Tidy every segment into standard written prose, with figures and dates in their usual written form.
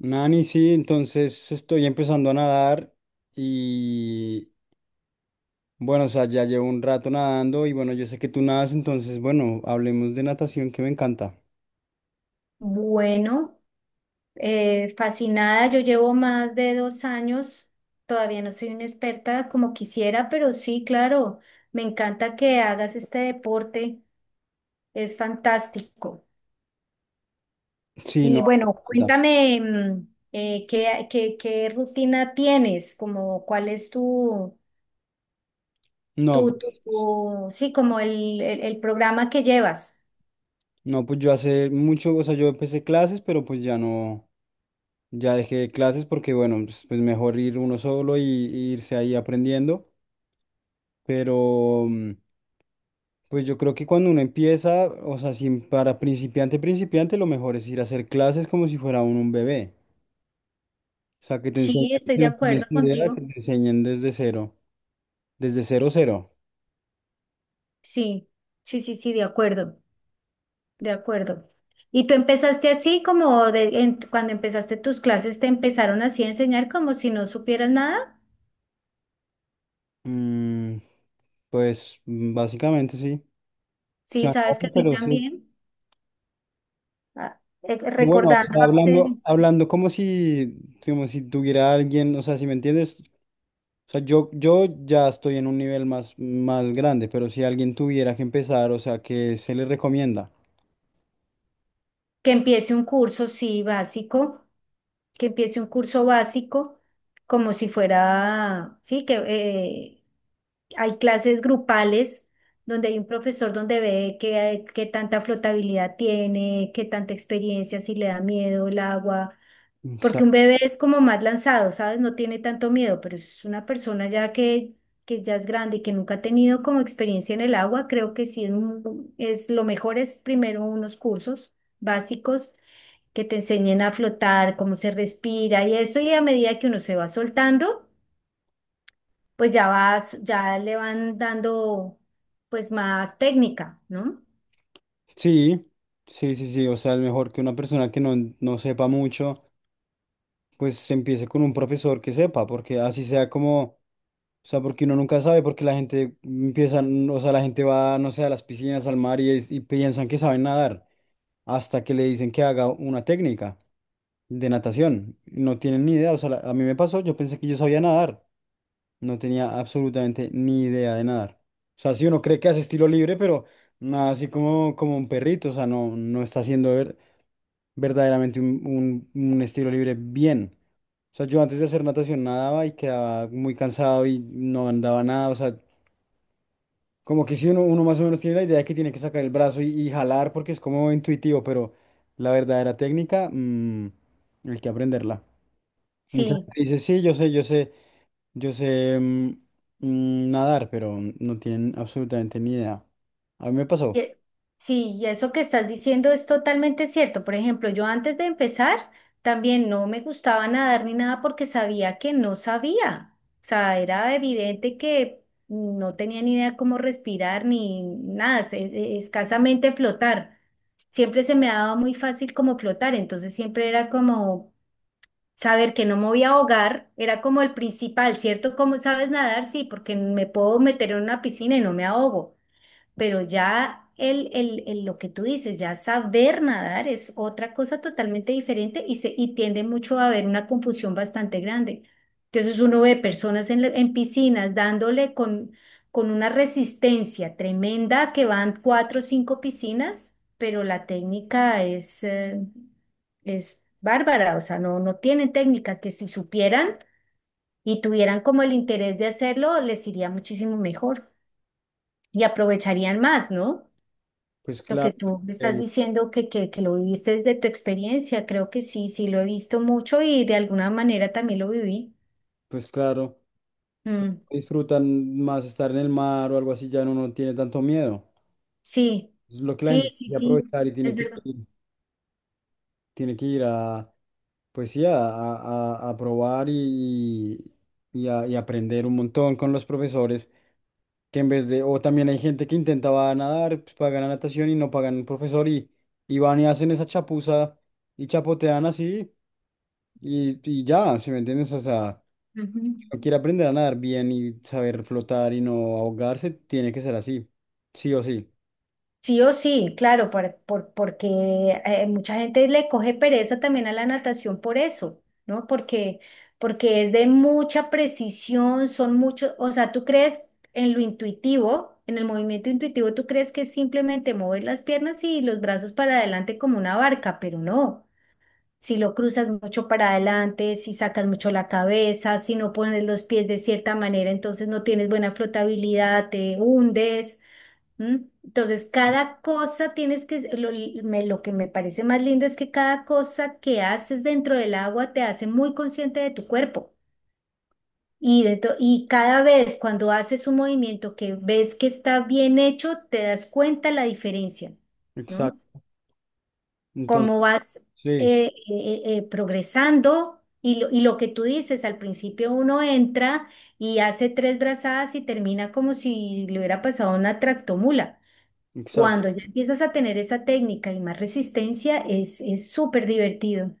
Nani, sí, entonces estoy empezando a nadar y bueno, o sea, ya llevo un rato nadando y bueno, yo sé que tú nadas, entonces bueno, hablemos de natación que me encanta. Bueno, fascinada, yo llevo más de 2 años, todavía no soy una experta como quisiera, pero sí, claro, me encanta que hagas este deporte, es fantástico. Sí, no, Y me bueno, encanta. cuéntame, ¿qué rutina tienes? Como, ¿cuál es tu, no, tu, tu, pues, tu- sí, como el programa que llevas? no, pues yo hace mucho, o sea, yo empecé clases, pero pues ya no, ya dejé clases porque bueno, pues mejor ir uno solo y irse ahí aprendiendo. Pero, pues yo creo que cuando uno empieza, o sea, sin, para principiante, principiante, lo mejor es ir a hacer clases como si fuera uno un bebé. O sea, que te enseñen, Sí, si estoy de no tienes acuerdo ni idea, que contigo. te enseñen desde cero, cero. Sí, sí, sí, sí, de acuerdo. De acuerdo. ¿Y tú empezaste así como cuando empezaste tus clases te empezaron así a enseñar como si no supieras nada? Mm, pues básicamente sí. O Sí, sea, sabes que a no, mí pero sí. también. Ah, Pero, bueno, o recordando sea, hace hablando, hablando como si tuviera alguien, o sea, si me entiendes, o sea, yo ya estoy en un nivel más, más grande, pero si alguien tuviera que empezar, o sea, ¿qué se le recomienda? que empiece un curso, sí, básico, que empiece un curso básico, como si fuera, sí, que hay clases grupales donde hay un profesor donde ve qué tanta flotabilidad tiene, qué tanta experiencia, si le da miedo el agua. Porque un bebé es como más lanzado, ¿sabes? No tiene tanto miedo, pero es una persona ya que ya es grande y que nunca ha tenido como experiencia en el agua, creo que sí es lo mejor es primero unos cursos básicos que te enseñen a flotar, cómo se respira y esto, y a medida que uno se va soltando, pues ya vas, ya le van dando pues más técnica, ¿no? Sí, sí, sí, sí. O sea, es mejor que una persona que no sepa mucho, pues se empiece con un profesor que sepa, porque así sea como, o sea, porque uno nunca sabe, porque la gente empieza, o sea, la gente va, no sé, a las piscinas, al mar y piensan que saben nadar, hasta que le dicen que haga una técnica de natación. No tienen ni idea, o sea, a mí me pasó, yo pensé que yo sabía nadar, no tenía absolutamente ni idea de nadar. O sea, sí, uno cree que hace estilo libre, pero nada, así como, como un perrito, o sea, no, no está haciendo verdaderamente un estilo libre bien. O sea, yo antes de hacer natación nadaba y quedaba muy cansado y no andaba nada. O sea, como que si uno más o menos tiene la idea de que tiene que sacar el brazo y jalar porque es como intuitivo, pero la verdadera técnica, hay que aprenderla. Mucha Sí. gente dice, sí, yo sé nadar, pero no tienen absolutamente ni idea. A mí me pasó. Y- Sí, y eso que estás diciendo es totalmente cierto. Por ejemplo, yo antes de empezar también no me gustaba nadar ni nada porque sabía que no sabía. O sea, era evidente que no tenía ni idea cómo respirar ni nada, escasamente flotar. Siempre se me daba muy fácil como flotar, entonces siempre era como saber que no me voy a ahogar, era como el principal, ¿cierto? ¿Cómo sabes nadar? Sí, porque me puedo meter en una piscina y no me ahogo, pero ya lo que tú dices, ya saber nadar es otra cosa totalmente diferente y tiende mucho a haber una confusión bastante grande. Entonces uno ve personas en piscinas dándole con una resistencia tremenda que van cuatro o cinco piscinas, pero la técnica es bárbara, o sea, no, no tienen técnica que si supieran y tuvieran como el interés de hacerlo, les iría muchísimo mejor y aprovecharían más, ¿no? Pues Lo que claro, tú me estás eh, diciendo que lo viviste desde tu experiencia, creo que sí, sí, lo he visto mucho y de alguna manera también lo viví. pues claro. Mm, Disfrutan más estar en el mar o algo así, ya no, no tiene tanto miedo. sí, Es lo que la sí, gente tiene sí, que sí, aprovechar y tiene es que verdad. ir, tiene que ir a, pues sí, a probar y aprender un montón con los profesores, que en vez de, o también hay gente que intentaba nadar, pues pagan la natación y no pagan un profesor y van y hacen esa chapuza y chapotean así y ya. ¿Sí me entiendes? O sea, Ujú. si uno quiere aprender a nadar bien y saber flotar y no ahogarse, tiene que ser así, sí o sí. Sí o sí, claro, porque mucha gente le coge pereza también a la natación por eso, ¿no? Porque, porque es de mucha precisión, son muchos, o sea, tú crees en lo intuitivo, en el movimiento intuitivo, tú crees que es simplemente mover las piernas y los brazos para adelante como una barca, pero no. Si lo cruzas mucho para adelante, si sacas mucho la cabeza, si no pones los pies de cierta manera, entonces no tienes buena flotabilidad, te hundes. ¿M? Entonces, cada cosa tienes que, lo que me parece más lindo es que cada cosa que haces dentro del agua te hace muy consciente de tu cuerpo. Y cada vez cuando haces un movimiento que ves que está bien hecho, te das cuenta la diferencia, ¿no? Exacto. Entonces, Cómo vas sí, progresando y lo que tú dices, al principio uno entra y hace tres brazadas y termina como si le hubiera pasado una tractomula. exacto. Cuando ya empiezas a tener esa técnica y más resistencia, es súper divertido.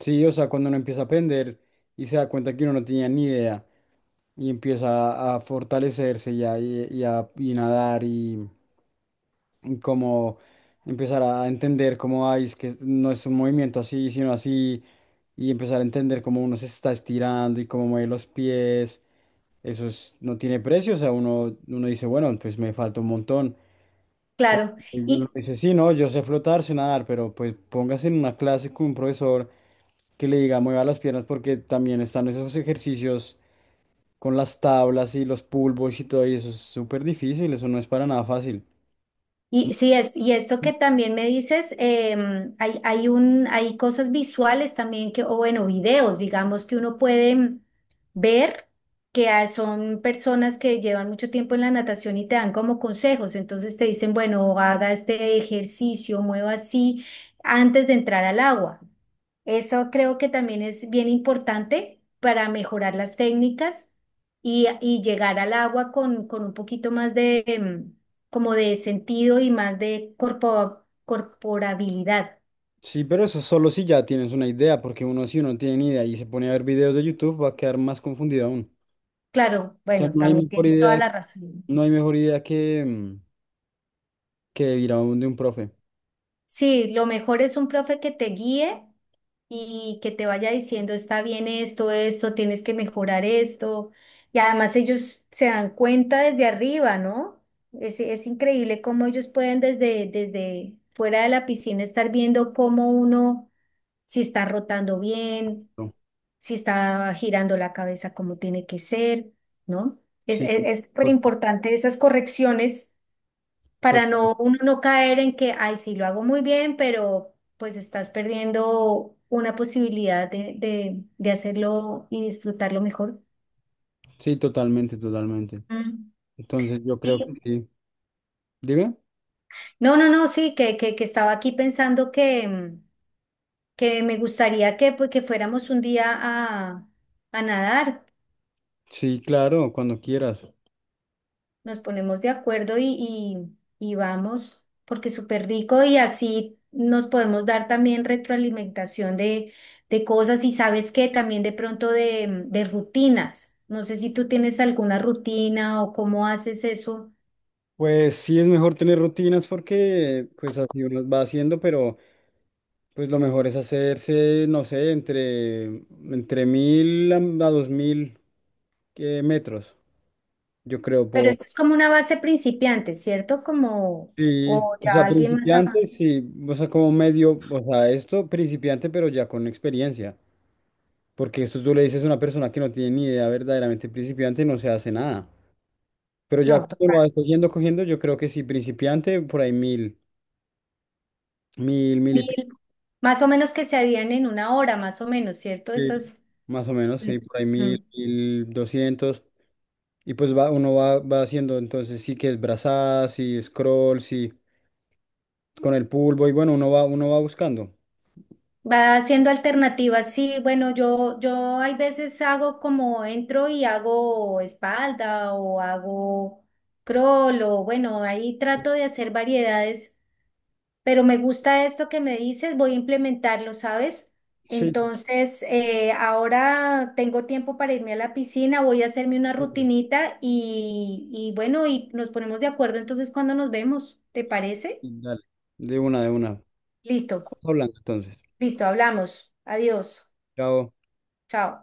Sí, o sea, cuando uno empieza a aprender y se da cuenta que uno no tenía ni idea y empieza a fortalecerse y a y nadar y como empezar a entender cómo hay, es que no es un movimiento así, sino así, y empezar a entender cómo uno se está estirando y cómo mueve los pies. No tiene precio, o sea, uno, uno dice, bueno, pues me falta un montón. Claro. Y uno Y dice, sí, no, yo sé flotar, sé nadar, pero pues póngase en una clase con un profesor que le diga mueva las piernas, porque también están esos ejercicios con las tablas y los pull boys y todo, y eso es súper difícil, eso no es para nada fácil. Y sí, y esto que también me dices, hay cosas visuales también que, o bueno, videos, digamos, que uno puede ver, que son personas que llevan mucho tiempo en la natación y te dan como consejos. Entonces te dicen, bueno, haga este ejercicio, mueva así antes de entrar al agua. Eso creo que también es bien importante para mejorar las técnicas y llegar al agua con un poquito más de, como de sentido y más de corporabilidad. Sí, pero eso solo si ya tienes una idea, porque uno, si uno no tiene ni idea y se pone a ver videos de YouTube, va a quedar más confundido aún. Claro, O sea, bueno, no hay también mejor tienes toda idea, la razón. no hay mejor idea que ir a un de un profe. Sí, lo mejor es un profe que te guíe y que te vaya diciendo, está bien esto, esto, tienes que mejorar esto. Y además ellos se dan cuenta desde arriba, ¿no? Es increíble cómo ellos pueden desde fuera de la piscina estar viendo cómo uno, si está rotando bien, No. si está girando la cabeza como tiene que ser, ¿no? Es, es, Sí, es súper total, importante esas correcciones para total. no, uno no caer en que, ay, sí, lo hago muy bien, pero pues estás perdiendo una posibilidad de hacerlo y disfrutarlo mejor. Sí, totalmente, totalmente. Mm. Entonces yo creo que Sí. sí. Dime. No, no, no, sí, que estaba aquí pensando que me gustaría que, pues, que fuéramos un día a nadar. Sí, claro, cuando quieras. Nos ponemos de acuerdo y vamos, porque es súper rico y así nos podemos dar también retroalimentación de cosas y sabes qué, también de pronto de rutinas. No sé si tú tienes alguna rutina o cómo haces eso, Pues sí es mejor tener rutinas porque pues así uno las va haciendo, pero pues lo mejor es hacerse, no sé, entre mil a 2000 metros, yo creo, pero esto es como una base principiante, ¿cierto? Como, Sí, o o ya sea, alguien más, principiante, sí, o sea, como medio, o sea, esto principiante, pero ya con experiencia, porque esto tú le dices a una persona que no tiene ni idea verdaderamente principiante, no se hace nada, pero ya no, cuando lo total, vas cogiendo, cogiendo, yo creo que sí, principiante, por ahí mil y. 1.000, más o menos que se harían en 1 hora, más o menos, ¿cierto? Sí, Esas. más o menos, Mm, sí, por ahí mm. 1000, 1200. Y pues va, uno va, va haciendo entonces sí que es brazada, sí scroll, sí con el pulvo, y bueno, uno va buscando. Va haciendo alternativas, sí, bueno, yo hay veces hago como entro y hago espalda o hago crawl o bueno, ahí trato de hacer variedades, pero me gusta esto que me dices, voy a implementarlo, ¿sabes? Sí, Entonces, ahora tengo tiempo para irme a la piscina, voy a hacerme una sí, rutinita y bueno, y nos ponemos de acuerdo entonces cuando nos vemos, ¿te parece? sí, dale. De una, de una. Vamos Listo, hablando entonces. listo, hablamos, adiós, Chao. chao.